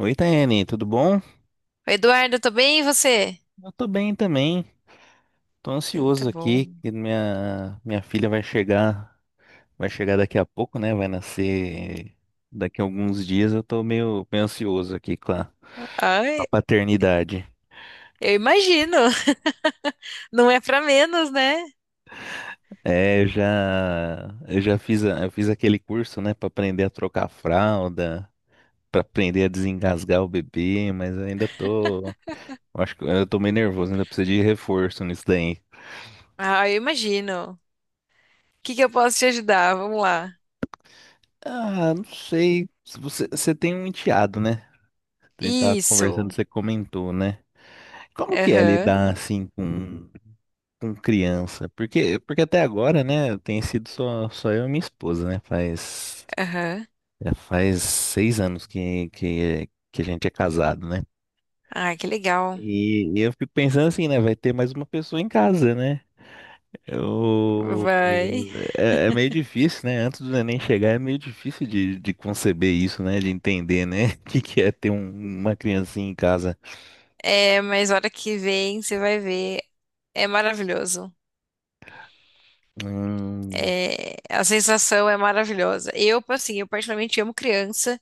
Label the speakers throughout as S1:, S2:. S1: Oi, Taiane, tudo bom?
S2: Oi, Eduardo, tô bem, e você?
S1: Eu tô bem também. Tô
S2: Tá
S1: ansioso aqui
S2: bom.
S1: que minha filha vai chegar daqui a pouco, né? Vai nascer daqui a alguns dias. Eu tô meio ansioso aqui com a
S2: Ai,
S1: paternidade.
S2: eu imagino. Não é pra menos, né?
S1: É, eu já fiz eu fiz aquele curso, né, pra aprender a trocar fralda, pra aprender a desengasgar o bebê, mas eu ainda tô, eu acho que eu tô meio nervoso, ainda preciso de reforço nisso daí.
S2: Ah, eu imagino. O que que eu posso te ajudar? Vamos lá.
S1: Ah, não sei. Se Você, você tem um enteado, né? Você tava conversando,
S2: Isso.
S1: você comentou, né? Como que é
S2: Aham,
S1: lidar assim com criança? Porque, porque até agora, né, tem sido só, só eu e minha esposa, né?
S2: aham.
S1: Já faz 6 anos que a gente é casado, né?
S2: Ah, que legal.
S1: E eu fico pensando assim, né? Vai ter mais uma pessoa em casa, né? Eu,
S2: Vai.
S1: é, é meio difícil, né? Antes do neném chegar, é meio difícil de conceber isso, né? De entender, né? O que é ter uma criancinha em casa.
S2: É, mas hora que vem, você vai ver. É maravilhoso.
S1: Hum,
S2: É, a sensação é maravilhosa. Eu, assim, eu particularmente amo criança.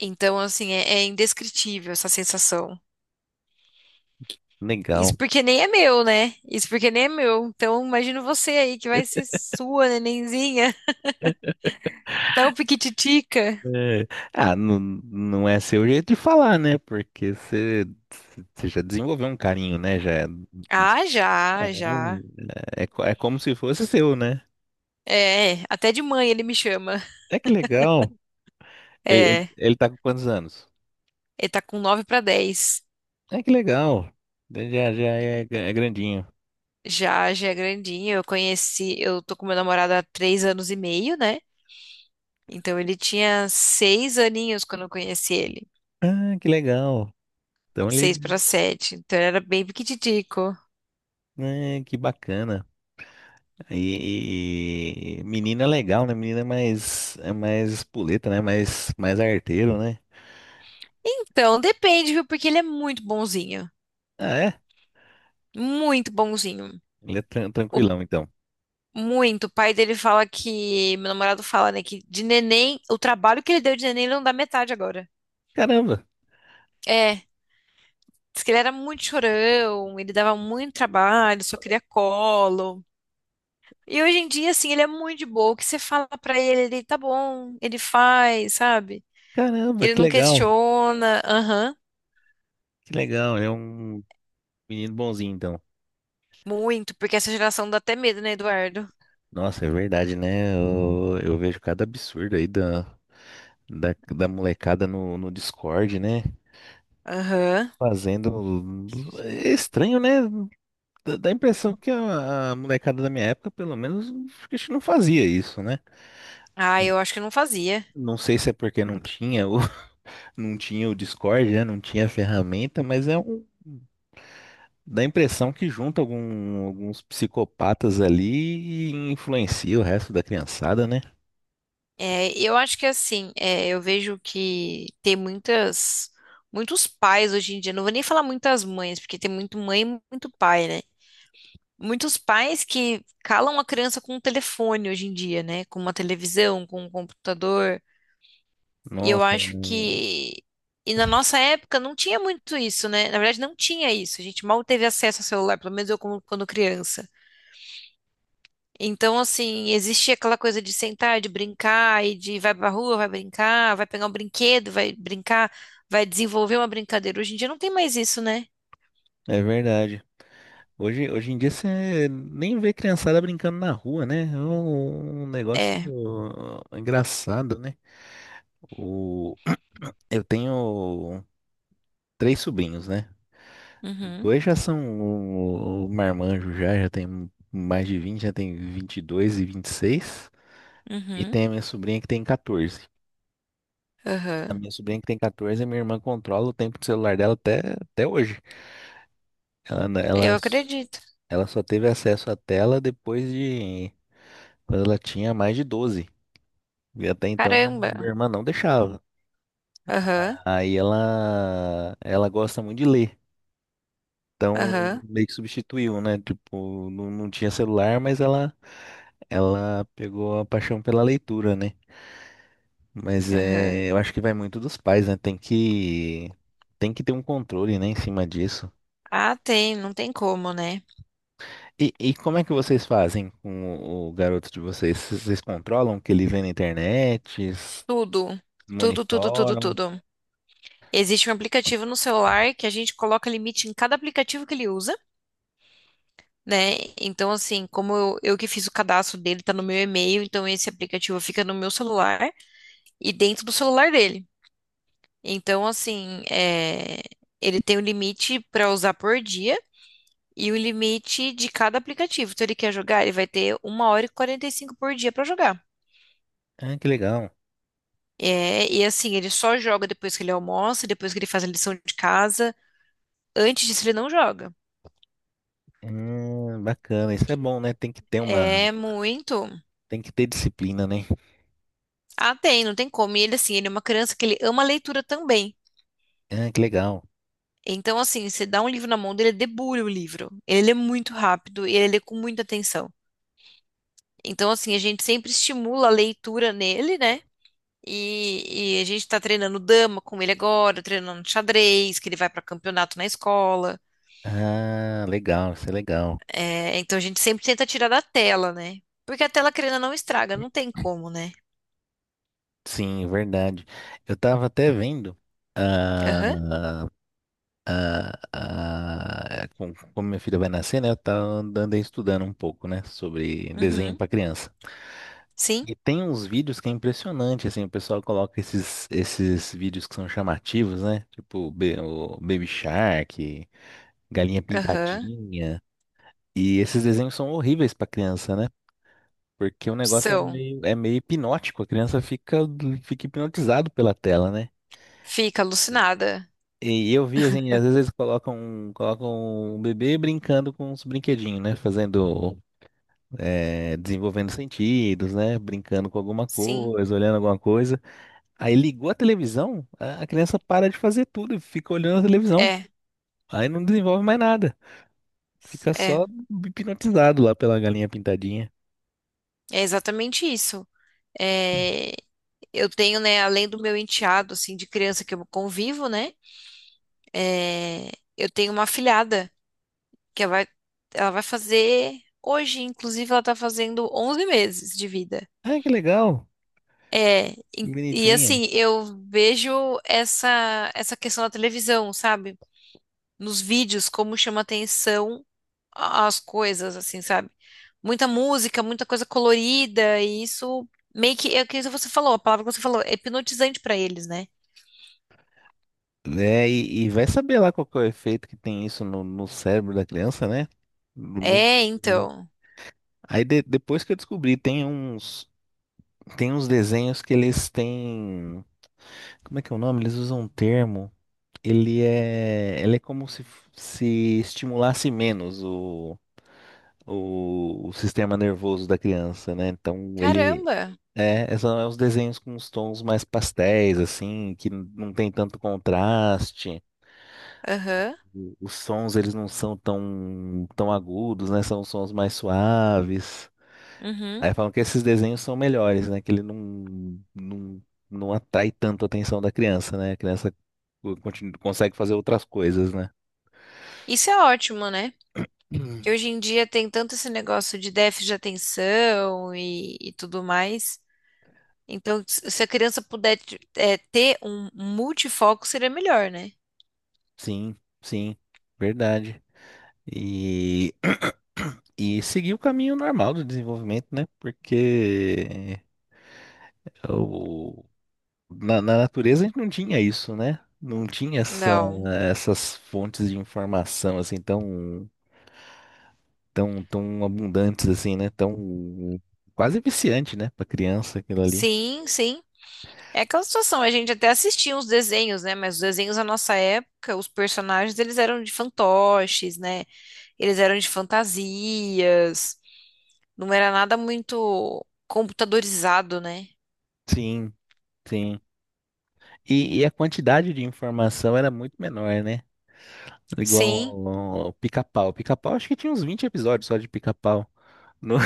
S2: Então, assim, é indescritível essa sensação. Isso
S1: legal.
S2: porque nem é meu, né? Isso porque nem é meu. Então, imagino você aí que vai ser sua, nenenzinha, tão piquititica.
S1: É, ah, não, não é seu jeito de falar, né? Porque você já desenvolveu um carinho, né?
S2: Ah, já, já.
S1: É, é como se fosse seu, né?
S2: É, até de mãe ele me chama.
S1: É, que legal.
S2: É,
S1: Ele tá com quantos anos?
S2: ele tá com 9 pra 10.
S1: É, que legal. Ele já é, é grandinho.
S2: Já, já é grandinho. Eu tô com meu namorado há 3 anos e meio, né? Então ele tinha 6 aninhos quando eu conheci ele.
S1: Ah, que legal. Então
S2: 6
S1: ele,
S2: pra 7. Então ele era bem piquititico.
S1: né, que bacana. E menina é legal, né? Menina é mais espoleta, né? Mais, mais arteiro, né?
S2: Então, depende, viu? Porque ele é muito bonzinho.
S1: Ah, é?
S2: Muito bonzinho.
S1: Ele é
S2: O
S1: tranquilão, então.
S2: Muito. O pai dele fala que. Meu namorado fala, né? Que de neném, o trabalho que ele deu de neném, ele não dá metade agora.
S1: Caramba.
S2: É. Diz que ele era muito chorão, ele dava muito trabalho, só queria colo. E hoje em dia, assim, ele é muito de boa. O que você fala pra ele, ele tá bom, ele faz, sabe?
S1: Caramba,
S2: Ele
S1: que
S2: não
S1: legal,
S2: questiona. Aham.
S1: que legal. Ele é um menino bonzinho, então.
S2: Muito. Porque essa geração dá até medo, né, Eduardo?
S1: Nossa, é verdade, né? Eu vejo cada absurdo aí da molecada no Discord, né?
S2: Aham.
S1: Fazendo. É estranho, né? Dá a impressão que a molecada da minha época, pelo menos, acho que a gente não fazia isso, né?
S2: Ah, eu acho que eu não fazia.
S1: Não sei se é porque não tinha o, não tinha o Discord, né? Não tinha a ferramenta, mas é um. Dá a impressão que junta alguns psicopatas ali e influencia o resto da criançada, né?
S2: É, eu acho que assim, é, eu vejo que tem muitos pais hoje em dia, não vou nem falar muitas mães, porque tem muito mãe e muito pai, né? Muitos pais que calam a criança com um telefone hoje em dia, né? Com uma televisão, com um computador. E eu
S1: Nossa,
S2: acho que. E na nossa época não tinha muito isso, né? Na verdade, não tinha isso. A gente mal teve acesso ao celular, pelo menos eu quando criança. Então, assim, existia aquela coisa de sentar, de brincar, e de vai pra rua, vai brincar, vai pegar um brinquedo, vai brincar, vai desenvolver uma brincadeira. Hoje em dia não tem mais isso, né?
S1: é verdade. Hoje, hoje em dia você nem vê criançada brincando na rua, né? É um, um negócio
S2: É.
S1: engraçado, né? O, eu tenho três sobrinhos, né?
S2: Uhum,
S1: Dois já são o marmanjo já, já tem mais de 20, já tem 22 e vinte e seis. E
S2: uhum,
S1: tem a minha sobrinha que tem 14. A
S2: aham.
S1: minha sobrinha que tem catorze, a minha irmã controla o tempo do celular dela até, até hoje. Ela, n- ela,
S2: Eu
S1: s-
S2: acredito.
S1: ela só teve acesso à tela depois de quando ela tinha mais de 12. E até então minha
S2: Caramba.
S1: irmã não deixava.
S2: Aham,
S1: Ela gosta muito de ler. Então,
S2: aham,
S1: meio que substituiu, né? Tipo, não, não tinha celular, ela pegou a paixão pela leitura, né? Mas
S2: aham.
S1: é, eu acho que vai muito dos pais, né? Tem que ter um controle, né, em cima disso.
S2: Ah, tem, não tem como, né?
S1: E como é que vocês fazem com o garoto de vocês? Vocês controlam o que ele vê na internet? Vocês
S2: Tudo, tudo, tudo, tudo,
S1: monitoram?
S2: tudo. Existe um aplicativo no celular que a gente coloca limite em cada aplicativo que ele usa. Né? Então, assim, como eu que fiz o cadastro dele, tá no meu e-mail, então esse aplicativo fica no meu celular e dentro do celular dele. Então, assim, ele tem um limite para usar por dia e o limite de cada aplicativo. Então, ele quer jogar, ele vai ter 1h45 por dia para jogar.
S1: Ah, que legal.
S2: É, e assim, ele só joga depois que ele almoça, depois que ele faz a lição de casa. Antes disso, ele não joga.
S1: Bacana, isso é bom, né?
S2: É muito.
S1: Tem que ter disciplina, né?
S2: Ah, tem, não tem como. E ele, assim, ele é uma criança que ele ama leitura também.
S1: Ah, que legal.
S2: Então, assim, você dá um livro na mão dele, ele debulha o livro. Ele lê muito rápido e ele lê com muita atenção. Então, assim, a gente sempre estimula a leitura nele, né? E a gente tá treinando dama com ele agora, treinando xadrez, que ele vai para campeonato na escola.
S1: Ah, legal, isso é legal.
S2: É, então, a gente sempre tenta tirar da tela, né? Porque a tela, querendo ou não, estraga, não tem como, né?
S1: Sim, verdade. Eu tava até vendo
S2: Aham,
S1: ah, como minha filha vai nascer, né? Eu tava andando estudando um pouco, né? Sobre desenho
S2: uhum,
S1: para criança.
S2: sim,
S1: E tem uns vídeos que é impressionante, assim, o pessoal coloca esses vídeos que são chamativos, né? Tipo o Baby Shark, Galinha
S2: aham.
S1: Pintadinha. E esses desenhos são horríveis para criança, né? Porque o negócio
S2: São,
S1: é meio hipnótico, a criança fica, fica hipnotizado pela tela, né?
S2: fica alucinada.
S1: E eu vi assim, às vezes eles colocam o bebê brincando com uns brinquedinhos, né? Fazendo, é, desenvolvendo sentidos, né? Brincando com alguma
S2: Sim,
S1: coisa, olhando alguma coisa. Aí ligou a televisão, a criança para de fazer tudo e fica olhando a televisão.
S2: é,
S1: Aí não desenvolve mais nada. Fica
S2: é,
S1: só hipnotizado lá pela Galinha Pintadinha.
S2: é exatamente isso. É, eu tenho, né, além do meu enteado, assim, de criança que eu convivo, né, eu tenho uma afilhada que ela vai fazer hoje, inclusive ela tá fazendo 11 meses de vida.
S1: Ah, que legal,
S2: É,
S1: que bonitinha.
S2: assim, eu vejo essa questão da televisão, sabe? Nos vídeos, como chama atenção as coisas, assim, sabe? Muita música, muita coisa colorida, e isso meio que, é o que você falou, a palavra que você falou, é hipnotizante pra eles, né?
S1: É, e vai saber lá qual que é o efeito que tem isso no cérebro da criança, né? No-
S2: É,
S1: no-
S2: então.
S1: Aí depois que eu descobri, tem uns desenhos que eles têm. Como é que é o nome? Eles usam um termo. Ele é como se estimulasse menos o sistema nervoso da criança, né? Então ele.
S2: Caramba!
S1: É, são os desenhos com os tons mais pastéis, assim, que não tem tanto contraste.
S2: Aham,
S1: Os sons, eles não são tão, tão agudos, né? São sons mais suaves.
S2: uhum.
S1: Aí falam que esses desenhos são melhores, né? Que ele não atrai tanto a atenção da criança, né? A criança consegue fazer outras coisas, né?
S2: Isso é ótimo, né?
S1: Hum.
S2: Que hoje em dia tem tanto esse negócio de déficit de atenção e tudo mais. Então, se a criança puder ter um multifoco, seria melhor, né?
S1: Sim, sim, verdade. E, e seguir o caminho normal do desenvolvimento, né? Porque na natureza a gente não tinha isso, né? Não tinha
S2: Não.
S1: essas fontes de informação assim tão abundantes assim, né? Tão quase viciante, né, para criança aquilo ali.
S2: Sim, sim. É aquela situação, a gente até assistia uns desenhos, né? Mas os desenhos da nossa época, os personagens, eles eram de fantoches, né? Eles eram de fantasias. Não era nada muito computadorizado, né?
S1: Sim, sim. E a quantidade de informação era muito menor, né?
S2: Sim,
S1: Igual ao Pica-Pau. Pica-Pau acho que tinha uns 20 episódios só de Pica-Pau. Não,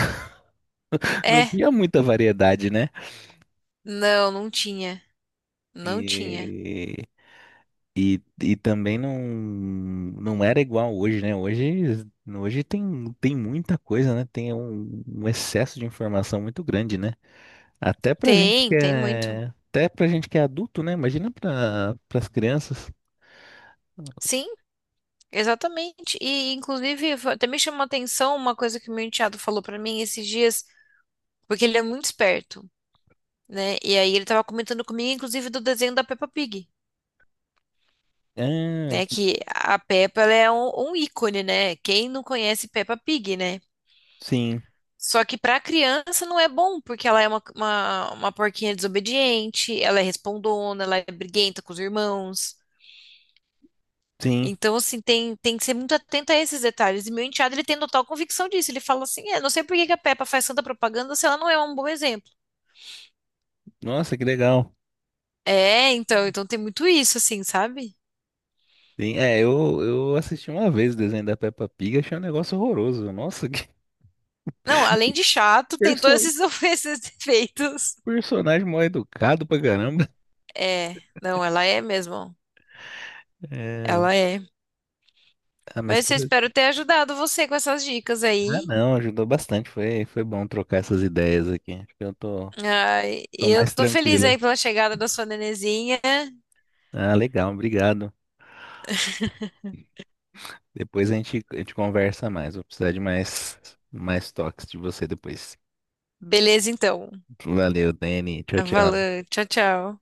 S1: não
S2: é,
S1: tinha muita variedade, né?
S2: não, não tinha. Não tinha.
S1: E, e também não era igual hoje, né? Hoje, hoje tem, tem muita coisa, né? Tem um, um excesso de informação muito grande, né?
S2: Tem muito.
S1: Até pra gente que é adulto, né? Imagina para as crianças.
S2: Sim, exatamente. E, inclusive, até me chamou a atenção uma coisa que o meu enteado falou pra mim esses dias, porque ele é muito esperto, né? E aí ele tava comentando comigo, inclusive, do desenho da Peppa Pig,
S1: Ah,
S2: né? Que a Peppa, ela é um ícone, né? Quem não conhece Peppa Pig, né?
S1: sim,
S2: Só que pra criança não é bom, porque ela é uma porquinha desobediente, ela é respondona, ela é briguenta com os irmãos.
S1: sim.
S2: Então, assim, tem que ser muito atento a esses detalhes. E meu enteado, ele tem total convicção disso. Ele fala assim, não sei por que que a Peppa faz tanta propaganda se ela não é um bom exemplo.
S1: Nossa, que legal.
S2: É, então tem muito isso, assim, sabe?
S1: Sim, é, eu assisti uma vez o desenho da Peppa Pig, achei um negócio horroroso. Nossa, que
S2: Não, além de chato, tem todos
S1: perso-
S2: esses, esses defeitos.
S1: personagem mal educado pra caramba.
S2: É, não, ela é mesmo.
S1: É,
S2: Ela é.
S1: ah, mas
S2: Mas
S1: que,
S2: eu espero ter ajudado você com essas dicas
S1: ah,
S2: aí.
S1: não, ajudou bastante. Foi, foi bom trocar essas ideias aqui. Acho que eu tô,
S2: Ai, e
S1: tô
S2: eu
S1: mais
S2: tô feliz aí
S1: tranquilo.
S2: pela chegada da sua nenezinha.
S1: Ah, legal, obrigado. Depois a gente conversa mais. Vou precisar mais toques de você depois.
S2: Beleza, então.
S1: Valeu, Dani. Tchau, tchau.
S2: Valeu, tchau, tchau.